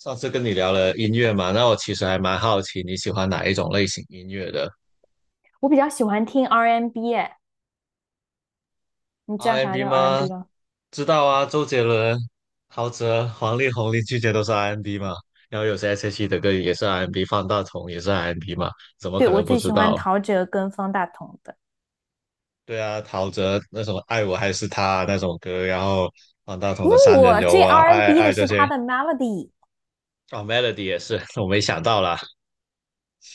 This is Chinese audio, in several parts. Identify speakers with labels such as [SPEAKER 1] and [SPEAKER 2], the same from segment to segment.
[SPEAKER 1] 上次跟你聊了音乐嘛，那我其实还蛮好奇你喜欢哪一种类型音乐的
[SPEAKER 2] 我比较喜欢听 R&B，N 哎，你知道啥
[SPEAKER 1] ？R&B N
[SPEAKER 2] 叫
[SPEAKER 1] 吗？
[SPEAKER 2] R&B N 吗？
[SPEAKER 1] 知道啊，周杰伦、陶喆、黄力宏、林俊杰都是 R&B N 嘛，然后有些 S.H.E 的歌也是 R&B，N 方大同也是 R&B N 嘛，怎么
[SPEAKER 2] 对，
[SPEAKER 1] 可
[SPEAKER 2] 我
[SPEAKER 1] 能不
[SPEAKER 2] 最喜
[SPEAKER 1] 知
[SPEAKER 2] 欢
[SPEAKER 1] 道？
[SPEAKER 2] 陶喆跟方大同的，
[SPEAKER 1] 对啊，陶喆那首《爱我还是他》啊那首歌，然后方大同
[SPEAKER 2] 因
[SPEAKER 1] 的
[SPEAKER 2] 为
[SPEAKER 1] 《三人
[SPEAKER 2] 我
[SPEAKER 1] 游》
[SPEAKER 2] 最
[SPEAKER 1] 啊，爱爱
[SPEAKER 2] R&B N 的
[SPEAKER 1] 爱这
[SPEAKER 2] 是
[SPEAKER 1] 些。
[SPEAKER 2] 他的 Melody。
[SPEAKER 1] 哦，Melody 也是，我没想到啦。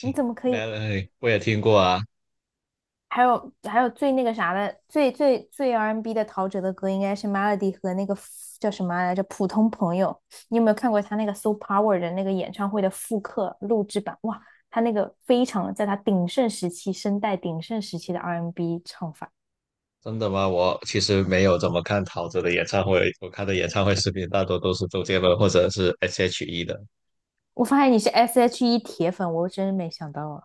[SPEAKER 2] 你 怎么可以？
[SPEAKER 1] ，Melody 我也听过啊。
[SPEAKER 2] 还有最那个啥的，最最最 R&B N 的陶喆的歌应该是 Melody 和那个叫什么来着？普通朋友。你有没有看过他那个 So Power 的那个演唱会的复刻录制版？哇，他那个非常在他鼎盛时期，声带鼎盛时期的 R&B N 唱法。
[SPEAKER 1] 真的吗？我其实没有怎么看陶喆的演唱会，我看的演唱会视频大多都是周杰伦或者是 S.H.E 的。
[SPEAKER 2] 我发现你是 S.H.E 铁粉，我真没想到啊。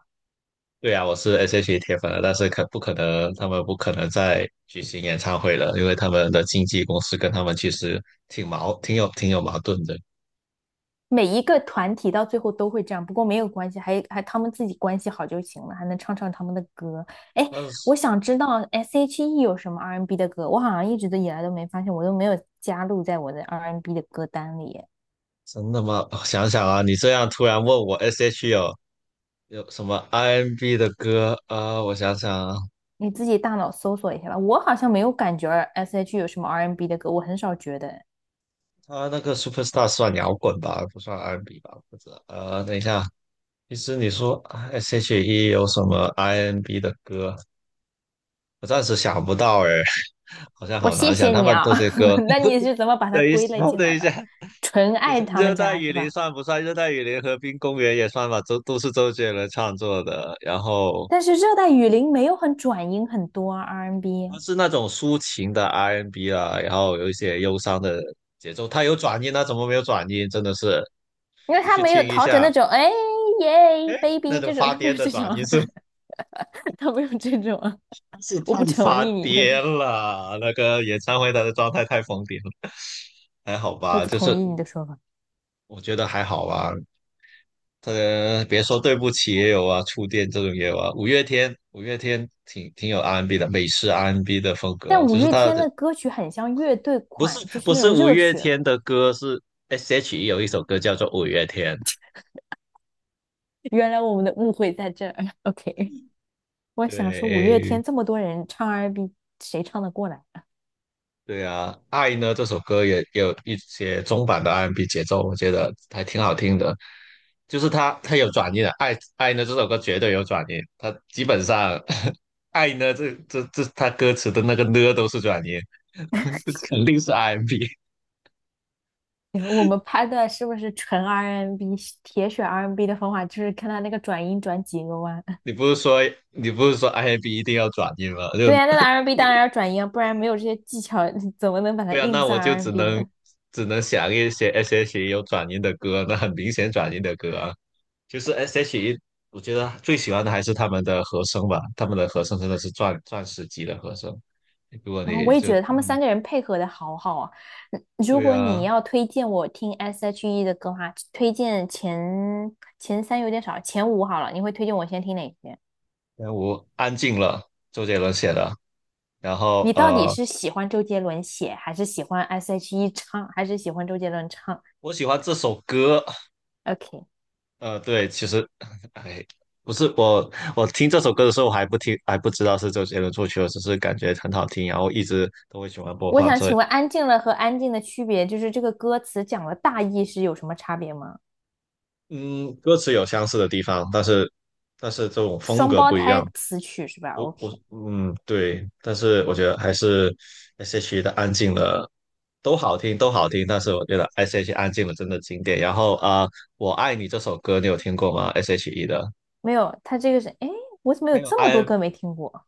[SPEAKER 1] 对啊，我是 S.H.E 铁粉了，但是可不可能他们不可能再举行演唱会了，因为他们的经纪公司跟他们其实挺有矛盾的。
[SPEAKER 2] 每一个团体到最后都会这样，不过没有关系，还他们自己关系好就行了，还能唱唱他们的歌。哎，
[SPEAKER 1] 但是
[SPEAKER 2] 我想知道 S.H.E 有什么 R&B N 的歌，我好像一直都以来都没发现，我都没有加入在我的 R&B N 的歌单里。
[SPEAKER 1] 真的吗？哦想想啊，你这样突然问我 S.H.E 有什么 R&B n 的歌啊、我想想啊。
[SPEAKER 2] 你自己大脑搜索一下吧，我好像没有感觉 S.H.E 有什么 R&B N 的歌，我很少觉得。
[SPEAKER 1] 他那个 Superstar 算摇滚吧，不算 R&B n 吧？或者道。等一下。其实你说 S.H.E 有什么 I.N.B 的歌，我暂时想不到哎。好像
[SPEAKER 2] 我
[SPEAKER 1] 好
[SPEAKER 2] 谢
[SPEAKER 1] 难想。
[SPEAKER 2] 谢
[SPEAKER 1] 他
[SPEAKER 2] 你
[SPEAKER 1] 们
[SPEAKER 2] 啊，
[SPEAKER 1] 都这歌。
[SPEAKER 2] 那你是 怎么把它
[SPEAKER 1] 等一
[SPEAKER 2] 归类
[SPEAKER 1] 下，
[SPEAKER 2] 进
[SPEAKER 1] 等
[SPEAKER 2] 来
[SPEAKER 1] 一
[SPEAKER 2] 的？
[SPEAKER 1] 下，
[SPEAKER 2] 纯
[SPEAKER 1] 等一
[SPEAKER 2] 爱
[SPEAKER 1] 下，
[SPEAKER 2] 他们
[SPEAKER 1] 热带
[SPEAKER 2] 家是
[SPEAKER 1] 雨林
[SPEAKER 2] 吧？
[SPEAKER 1] 算不算？热带雨林、和滨公园也算吧，都是周杰伦创作的。然后
[SPEAKER 2] 但是热带雨林没有很转音很多啊 R N
[SPEAKER 1] 它
[SPEAKER 2] b，
[SPEAKER 1] 是那种抒情的 R&B n 啊，然后有一些忧伤的节奏，它有转音啊，它怎么没有转音？真的是，
[SPEAKER 2] 因为
[SPEAKER 1] 你
[SPEAKER 2] 他
[SPEAKER 1] 去
[SPEAKER 2] 没有
[SPEAKER 1] 听一
[SPEAKER 2] 陶喆
[SPEAKER 1] 下。
[SPEAKER 2] 那种哎耶
[SPEAKER 1] 哎，那
[SPEAKER 2] baby
[SPEAKER 1] 种
[SPEAKER 2] 这种，
[SPEAKER 1] 发
[SPEAKER 2] 他没
[SPEAKER 1] 癫
[SPEAKER 2] 有
[SPEAKER 1] 的
[SPEAKER 2] 这种，
[SPEAKER 1] 转音是
[SPEAKER 2] 他没有这种。
[SPEAKER 1] 是
[SPEAKER 2] 我
[SPEAKER 1] 太
[SPEAKER 2] 不同
[SPEAKER 1] 发
[SPEAKER 2] 意你的，
[SPEAKER 1] 癫了。那个演唱会他的状态太疯癫了。还好
[SPEAKER 2] 我
[SPEAKER 1] 吧？
[SPEAKER 2] 不
[SPEAKER 1] 就
[SPEAKER 2] 同
[SPEAKER 1] 是
[SPEAKER 2] 意你的说法。
[SPEAKER 1] 我觉得还好吧。别说对不起也有啊，触电这种也有啊。五月天，五月天挺有 R&B n 的，美式 R&B n 的风
[SPEAKER 2] 但
[SPEAKER 1] 格，
[SPEAKER 2] 五
[SPEAKER 1] 就是
[SPEAKER 2] 月
[SPEAKER 1] 他
[SPEAKER 2] 天
[SPEAKER 1] 的
[SPEAKER 2] 的歌曲很像乐队
[SPEAKER 1] 不是
[SPEAKER 2] 款，就
[SPEAKER 1] 不
[SPEAKER 2] 是那种
[SPEAKER 1] 是五
[SPEAKER 2] 热
[SPEAKER 1] 月
[SPEAKER 2] 血。
[SPEAKER 1] 天的歌，是 S.H.E 有一首歌叫做《五月天》。
[SPEAKER 2] 原来我们的误会在这儿。OK，我想说五月
[SPEAKER 1] 对，
[SPEAKER 2] 天这么多人唱 R&B，n 谁唱得过来？
[SPEAKER 1] 对啊，《爱》呢这首歌也有一些中版的 R&B 节奏，我觉得还挺好听的。就是它有转音的，《爱爱》呢这首歌绝对有转音，它基本上 《爱》呢这它歌词的那个呢都是转音。这肯定是 R&B。
[SPEAKER 2] 我们拍的是不是纯 R&B n 铁血 R&B n 的方法，就是看他那个转音转几个弯。
[SPEAKER 1] 你 不是说你不是说 R&B 一定要转音吗？就
[SPEAKER 2] 对呀、啊，那个 R&B n 当然要转音啊，不然没有这些技巧，怎么能把它
[SPEAKER 1] 对啊，
[SPEAKER 2] 硬
[SPEAKER 1] 那
[SPEAKER 2] 算
[SPEAKER 1] 我就只
[SPEAKER 2] R&B n
[SPEAKER 1] 能
[SPEAKER 2] 呢？
[SPEAKER 1] 只能想一些 S.H.E 有转音的歌，那很明显转音的歌啊，就是 S.H.E。我觉得最喜欢的还是他们的和声吧，他们的和声真的是钻石级的和声。如果
[SPEAKER 2] 然后
[SPEAKER 1] 你
[SPEAKER 2] 我也
[SPEAKER 1] 就
[SPEAKER 2] 觉得他们
[SPEAKER 1] 嗯，
[SPEAKER 2] 三个人配合的好好啊。如
[SPEAKER 1] 对
[SPEAKER 2] 果你
[SPEAKER 1] 啊，
[SPEAKER 2] 要推荐我听 S.H.E 的歌的话，推荐前三有点少，前五好了。你会推荐我先听哪些？
[SPEAKER 1] 但我安静了，周杰伦写的，然后
[SPEAKER 2] 你到底是喜欢周杰伦写，还是喜欢 S.H.E 唱，还是喜欢周杰伦唱
[SPEAKER 1] 我喜欢这首歌。
[SPEAKER 2] ？OK，
[SPEAKER 1] 对，其实哎，不是我，我听这首歌的时候我还不听，还不知道是周杰伦作曲的，只是感觉很好听，然后一直都会喜欢播
[SPEAKER 2] 我
[SPEAKER 1] 放
[SPEAKER 2] 想
[SPEAKER 1] 这。
[SPEAKER 2] 请问《安静了》和《安静》的区别，就是这个歌词讲的大意是有什么差别吗？
[SPEAKER 1] 嗯，歌词有相似的地方，但是这种风
[SPEAKER 2] 双
[SPEAKER 1] 格
[SPEAKER 2] 胞
[SPEAKER 1] 不一
[SPEAKER 2] 胎
[SPEAKER 1] 样。
[SPEAKER 2] 词曲是吧
[SPEAKER 1] 不不，
[SPEAKER 2] ？OK，
[SPEAKER 1] 嗯，对，但是我觉得还是 S.H.E 的《安静了》都好听，都好听。但是我觉得 S.H.E《安静了》真的经典。然后啊，我爱你》这首歌你有听过吗？S.H.E 的。
[SPEAKER 2] 没有，他这个是，哎，我怎么
[SPEAKER 1] 它
[SPEAKER 2] 有
[SPEAKER 1] 有
[SPEAKER 2] 这么多
[SPEAKER 1] 安，
[SPEAKER 2] 歌没听过？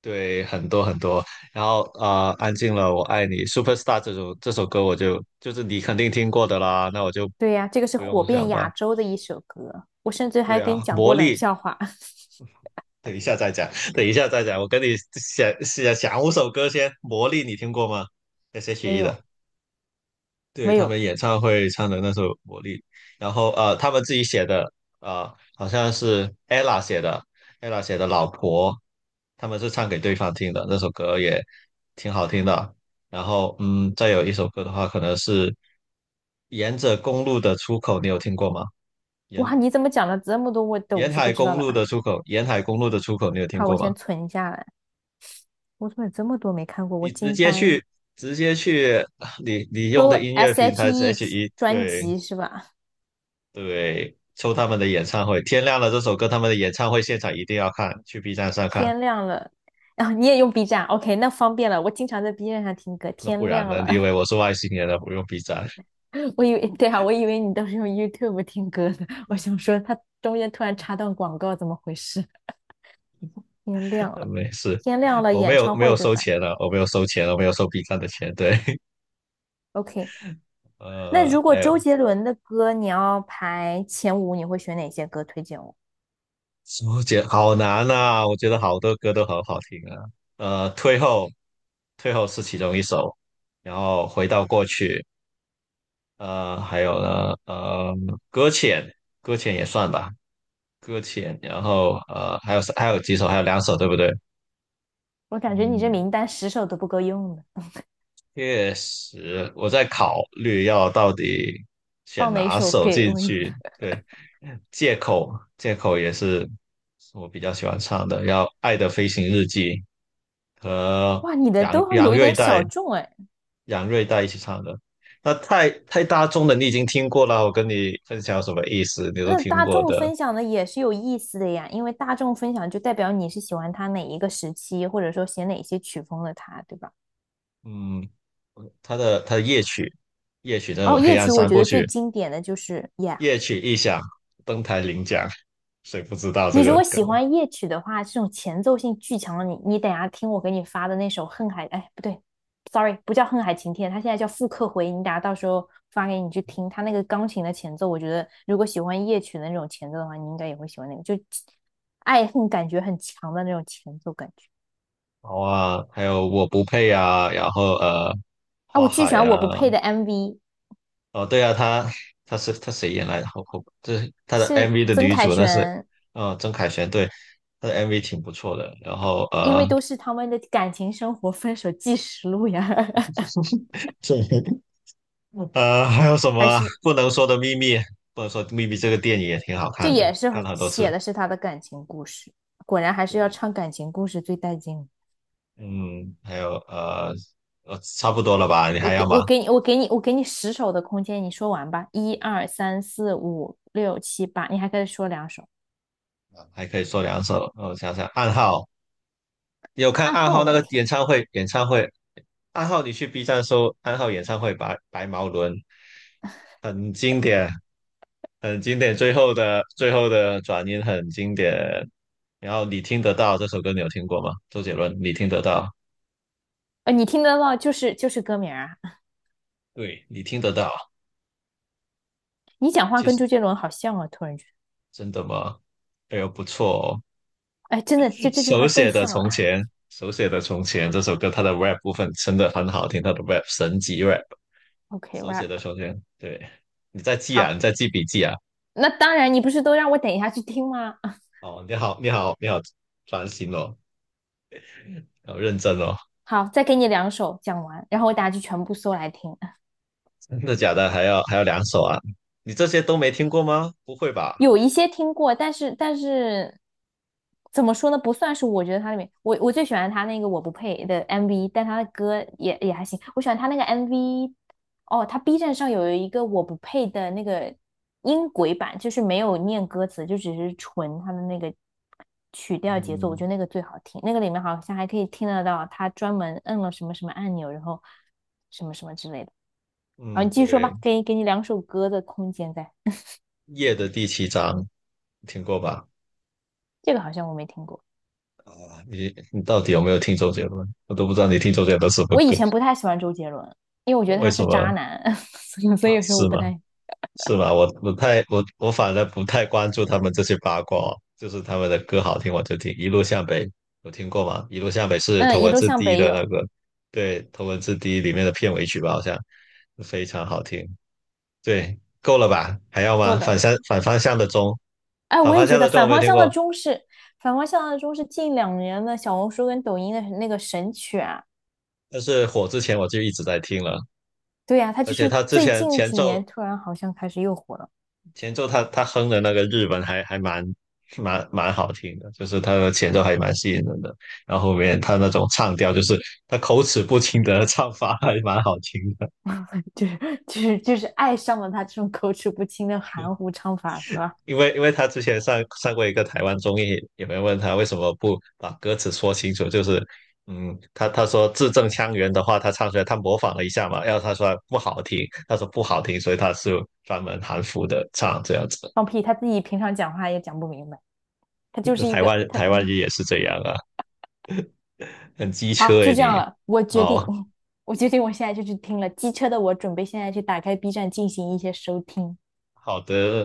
[SPEAKER 1] 对，很多很多。然后啊，安静了，《我爱你》Superstar 这首歌我就是你肯定听过的啦，那我就
[SPEAKER 2] 对呀，这个是
[SPEAKER 1] 不用
[SPEAKER 2] 火
[SPEAKER 1] 想
[SPEAKER 2] 遍亚
[SPEAKER 1] 吧。
[SPEAKER 2] 洲的一首歌，我甚至
[SPEAKER 1] 对
[SPEAKER 2] 还给你
[SPEAKER 1] 啊，
[SPEAKER 2] 讲
[SPEAKER 1] 魔
[SPEAKER 2] 过冷
[SPEAKER 1] 力
[SPEAKER 2] 笑话，
[SPEAKER 1] 等一下再讲，等一下再讲。我跟你想想五首歌先。魔力你听过吗
[SPEAKER 2] 没
[SPEAKER 1] ？S.H.E 的，
[SPEAKER 2] 有，
[SPEAKER 1] 对
[SPEAKER 2] 没
[SPEAKER 1] 他
[SPEAKER 2] 有，
[SPEAKER 1] 们演唱会唱的那首《魔力》。然后他们自己写的，好像是 ella 写的《老婆》，他们是唱给对方听的，那首歌也挺好听的。然后嗯，再有一首歌的话，可能是沿着公路的出口，你有听过吗？沿
[SPEAKER 2] 哇，你怎么讲了这么多我都
[SPEAKER 1] 沿
[SPEAKER 2] 是不
[SPEAKER 1] 海
[SPEAKER 2] 知道
[SPEAKER 1] 公
[SPEAKER 2] 的？
[SPEAKER 1] 路的出口，沿海公路的出口，你有 听
[SPEAKER 2] 好，我
[SPEAKER 1] 过吗？
[SPEAKER 2] 先存下来，我怎么有这么多没看过？我
[SPEAKER 1] 你直
[SPEAKER 2] 惊
[SPEAKER 1] 接
[SPEAKER 2] 呆了，
[SPEAKER 1] 去，直接去你用
[SPEAKER 2] 都
[SPEAKER 1] 的音乐平台是
[SPEAKER 2] S.H.E
[SPEAKER 1] h E
[SPEAKER 2] 专
[SPEAKER 1] 对
[SPEAKER 2] 辑是吧？
[SPEAKER 1] 对，抽他们的演唱会，天亮了这首歌他们的演唱会现场一定要看，去 B 站上看。
[SPEAKER 2] 天亮了，啊！你也用 B 站，OK，那方便了，我经常在 B 站上听歌，
[SPEAKER 1] 那不
[SPEAKER 2] 天
[SPEAKER 1] 然
[SPEAKER 2] 亮
[SPEAKER 1] 呢？你以
[SPEAKER 2] 了，
[SPEAKER 1] 为我是外星人了？不用 B 站。
[SPEAKER 2] 我以为对啊，我以为你都是用 YouTube 听歌的，我 想说它中间突然插段广告，怎么回事？天亮了，
[SPEAKER 1] 没事，
[SPEAKER 2] 天亮了，
[SPEAKER 1] 我没
[SPEAKER 2] 演
[SPEAKER 1] 有
[SPEAKER 2] 唱
[SPEAKER 1] 没
[SPEAKER 2] 会
[SPEAKER 1] 有
[SPEAKER 2] 对
[SPEAKER 1] 收
[SPEAKER 2] 吧
[SPEAKER 1] 钱了，我没有收 B 站的钱，对。
[SPEAKER 2] ？OK，那如果
[SPEAKER 1] 还有
[SPEAKER 2] 周杰伦的歌你要排前五，你会选哪些歌推荐我？
[SPEAKER 1] 周杰好难呐，我觉得好多歌都很好听啊。退后，退后是其中一首，然后回到过去。还有呢，搁浅，搁浅也算吧，搁浅。然后还有几首，还有两首，对不对？
[SPEAKER 2] 我感觉你这
[SPEAKER 1] 嗯，
[SPEAKER 2] 名单十首都不够用的，
[SPEAKER 1] 确实，我在考虑要到底选
[SPEAKER 2] 放哪一
[SPEAKER 1] 哪
[SPEAKER 2] 首
[SPEAKER 1] 首
[SPEAKER 2] 给
[SPEAKER 1] 进
[SPEAKER 2] 我一个
[SPEAKER 1] 去。对，借口，借口也是我比较喜欢唱的，要《爱的飞行日记》和
[SPEAKER 2] 哇，你的
[SPEAKER 1] 杨
[SPEAKER 2] 都
[SPEAKER 1] 杨
[SPEAKER 2] 有一
[SPEAKER 1] 瑞
[SPEAKER 2] 点
[SPEAKER 1] 代
[SPEAKER 2] 小众哎。
[SPEAKER 1] 杨瑞代一起唱的。那太大众的，你已经听过了，我跟你分享有什么意思，你都
[SPEAKER 2] 那
[SPEAKER 1] 听
[SPEAKER 2] 大
[SPEAKER 1] 过
[SPEAKER 2] 众
[SPEAKER 1] 的。
[SPEAKER 2] 分享的也是有意思的呀，因为大众分享就代表你是喜欢他哪一个时期，或者说写哪些曲风的他，对吧？
[SPEAKER 1] 嗯，他的夜曲，夜曲那
[SPEAKER 2] 哦，
[SPEAKER 1] 种黑
[SPEAKER 2] 夜
[SPEAKER 1] 暗
[SPEAKER 2] 曲我
[SPEAKER 1] 三
[SPEAKER 2] 觉
[SPEAKER 1] 部
[SPEAKER 2] 得最
[SPEAKER 1] 曲，
[SPEAKER 2] 经典的就是《Yeah》，
[SPEAKER 1] 夜曲一响，登台领奖，谁不知道这
[SPEAKER 2] 你如
[SPEAKER 1] 个
[SPEAKER 2] 果
[SPEAKER 1] 梗？
[SPEAKER 2] 喜欢夜曲的话，这种前奏性巨强的你等一下听我给你发的那首《恨海》，哎，不对，sorry，不叫《恨海晴天》，它现在叫《复刻回》，你等一下到时候发给你去听。它那个钢琴的前奏，我觉得如果喜欢夜曲的那种前奏的话，你应该也会喜欢那个，就爱恨感觉很强的那种前奏感觉
[SPEAKER 1] 好啊，还有我不配啊，然后
[SPEAKER 2] 啊。
[SPEAKER 1] 花
[SPEAKER 2] 我巨喜
[SPEAKER 1] 海
[SPEAKER 2] 欢
[SPEAKER 1] 啊。
[SPEAKER 2] 《我不配》的 MV，
[SPEAKER 1] 哦对啊，他是他谁演来的？好好，就是他的
[SPEAKER 2] 是
[SPEAKER 1] MV 的
[SPEAKER 2] 曾
[SPEAKER 1] 女
[SPEAKER 2] 凯
[SPEAKER 1] 主，那是
[SPEAKER 2] 旋，
[SPEAKER 1] 曾凯旋，对，他的 MV 挺不错的。然后
[SPEAKER 2] 因为都是他们的感情生活分手纪实录呀，
[SPEAKER 1] 对，还有什 么
[SPEAKER 2] 还
[SPEAKER 1] 啊
[SPEAKER 2] 是
[SPEAKER 1] 不能说的秘密？不能说的秘密这个电影也挺好
[SPEAKER 2] 这
[SPEAKER 1] 看的，
[SPEAKER 2] 也
[SPEAKER 1] 看
[SPEAKER 2] 是
[SPEAKER 1] 了很多
[SPEAKER 2] 写
[SPEAKER 1] 次。
[SPEAKER 2] 的是他的感情故事。果然还是要唱感情故事最带劲。
[SPEAKER 1] 嗯，还有差不多了吧？你
[SPEAKER 2] 我
[SPEAKER 1] 还要
[SPEAKER 2] 给
[SPEAKER 1] 吗？
[SPEAKER 2] 我给你我给你我给你十首的空间，你说完吧。一二三四五六七八，你还可以说两首。
[SPEAKER 1] 啊还可以说两首。我想想，暗号，你有看
[SPEAKER 2] 暗
[SPEAKER 1] 暗
[SPEAKER 2] 号我
[SPEAKER 1] 号那
[SPEAKER 2] 没
[SPEAKER 1] 个
[SPEAKER 2] 听，
[SPEAKER 1] 演唱会？演唱会，暗号，你去 B 站搜暗号演唱会毛伦，很经典，很经典。最后的转音很经典。然后你听得到这首歌，你有听过吗？周杰伦，你听得到？
[SPEAKER 2] 你听得到就是歌名啊。
[SPEAKER 1] 对，你听得到。
[SPEAKER 2] 你讲话
[SPEAKER 1] 其
[SPEAKER 2] 跟
[SPEAKER 1] 实
[SPEAKER 2] 周杰伦好像啊，突然觉
[SPEAKER 1] 真的吗？哎呦，不错哦。
[SPEAKER 2] 得，哎，真的，就这句
[SPEAKER 1] 手
[SPEAKER 2] 话更
[SPEAKER 1] 写的
[SPEAKER 2] 像
[SPEAKER 1] 从
[SPEAKER 2] 了。
[SPEAKER 1] 前，手写的从前这首歌，它的 rap 部分真的很好听，它的 rap 神级 rap。手写的
[SPEAKER 2] OK，rap，、
[SPEAKER 1] 从前，对，你在记啊，你
[SPEAKER 2] 好，
[SPEAKER 1] 在记笔记啊。
[SPEAKER 2] 那当然，你不是都让我等一下去听吗？
[SPEAKER 1] 哦，你好，你好，你好，专心哦，要认真哦。
[SPEAKER 2] 好，再给你两首讲完，然后我等下就全部搜来听。
[SPEAKER 1] 真的假的？还要两首啊？你这些都没听过吗？不会吧？
[SPEAKER 2] 有一些听过，但是怎么说呢？不算是我觉得他里面，我最喜欢他那个我不配的 MV，但他的歌也还行。我喜欢他那个 MV，哦，他 B 站上有一个我不配的那个音轨版，就是没有念歌词，就只是纯他的那个曲调节奏，我觉
[SPEAKER 1] 嗯
[SPEAKER 2] 得那个最好听。那个里面好像还可以听得到他专门摁了什么什么按钮，然后什么什么之类的。好，
[SPEAKER 1] 嗯，
[SPEAKER 2] 你继续说
[SPEAKER 1] 对，
[SPEAKER 2] 吧，给你两首歌的空间在，
[SPEAKER 1] 夜的第七章听过吧？
[SPEAKER 2] 这个好像我没听过。
[SPEAKER 1] 啊，你到底有没有听周杰伦？我都不知道你听周杰伦什么
[SPEAKER 2] 我以
[SPEAKER 1] 歌。
[SPEAKER 2] 前不太喜欢周杰伦，因为我觉得
[SPEAKER 1] 为
[SPEAKER 2] 他
[SPEAKER 1] 什
[SPEAKER 2] 是渣
[SPEAKER 1] 么
[SPEAKER 2] 男，所以所
[SPEAKER 1] 啊？
[SPEAKER 2] 以说我
[SPEAKER 1] 是
[SPEAKER 2] 不
[SPEAKER 1] 吗？
[SPEAKER 2] 太
[SPEAKER 1] 是吧？我不太，我反而不太关注他们这些八卦哦，就是他们的歌好听我就听。一路向北有听过吗？一路向北是头
[SPEAKER 2] 嗯，一
[SPEAKER 1] 文
[SPEAKER 2] 路
[SPEAKER 1] 字
[SPEAKER 2] 向
[SPEAKER 1] D
[SPEAKER 2] 北
[SPEAKER 1] 的那
[SPEAKER 2] 有
[SPEAKER 1] 个。对，头文字 D 里面的片尾曲吧，好像非常好听。对，够了吧？还要
[SPEAKER 2] 够
[SPEAKER 1] 吗？
[SPEAKER 2] 了。
[SPEAKER 1] 反方向的钟，
[SPEAKER 2] 哎，
[SPEAKER 1] 反
[SPEAKER 2] 我
[SPEAKER 1] 方
[SPEAKER 2] 也觉
[SPEAKER 1] 向
[SPEAKER 2] 得
[SPEAKER 1] 的钟我
[SPEAKER 2] 反
[SPEAKER 1] 没有
[SPEAKER 2] 方
[SPEAKER 1] 听
[SPEAKER 2] 向的
[SPEAKER 1] 过？
[SPEAKER 2] 钟是近两年的小红书跟抖音的那个神曲啊。
[SPEAKER 1] 但是火之前我就一直在听了，
[SPEAKER 2] 对呀、啊他
[SPEAKER 1] 而
[SPEAKER 2] 就
[SPEAKER 1] 且
[SPEAKER 2] 是
[SPEAKER 1] 他之
[SPEAKER 2] 最
[SPEAKER 1] 前
[SPEAKER 2] 近
[SPEAKER 1] 前
[SPEAKER 2] 几
[SPEAKER 1] 奏
[SPEAKER 2] 年突然好像开始又火了，
[SPEAKER 1] 前奏他哼的那个日文还蛮好听的，就是他的前奏还蛮吸引人的，然后后面他那种唱调，就是他口齿不清的唱法还蛮好听的。
[SPEAKER 2] 就是就是爱上了他这种口齿不清的含糊唱法，是吧？
[SPEAKER 1] 因为他之前上过一个台湾综艺，有人问他为什么不把歌词说清楚，就是嗯，他说字正腔圆的话，他唱出来他模仿了一下嘛，然后他说不好听，他说不好听，所以他是专门含糊的唱这样子。
[SPEAKER 2] 放屁，他自己平常讲话也讲不明白，他就是一
[SPEAKER 1] 台
[SPEAKER 2] 个
[SPEAKER 1] 湾
[SPEAKER 2] 他
[SPEAKER 1] 台湾人也是这样啊。很机
[SPEAKER 2] 好，
[SPEAKER 1] 车
[SPEAKER 2] 就
[SPEAKER 1] 诶
[SPEAKER 2] 这样
[SPEAKER 1] 你。
[SPEAKER 2] 了。我决定，
[SPEAKER 1] 好
[SPEAKER 2] 我决定，我现在就去听了《机车的我》，准备现在去打开 B 站进行一些收听。
[SPEAKER 1] 好的。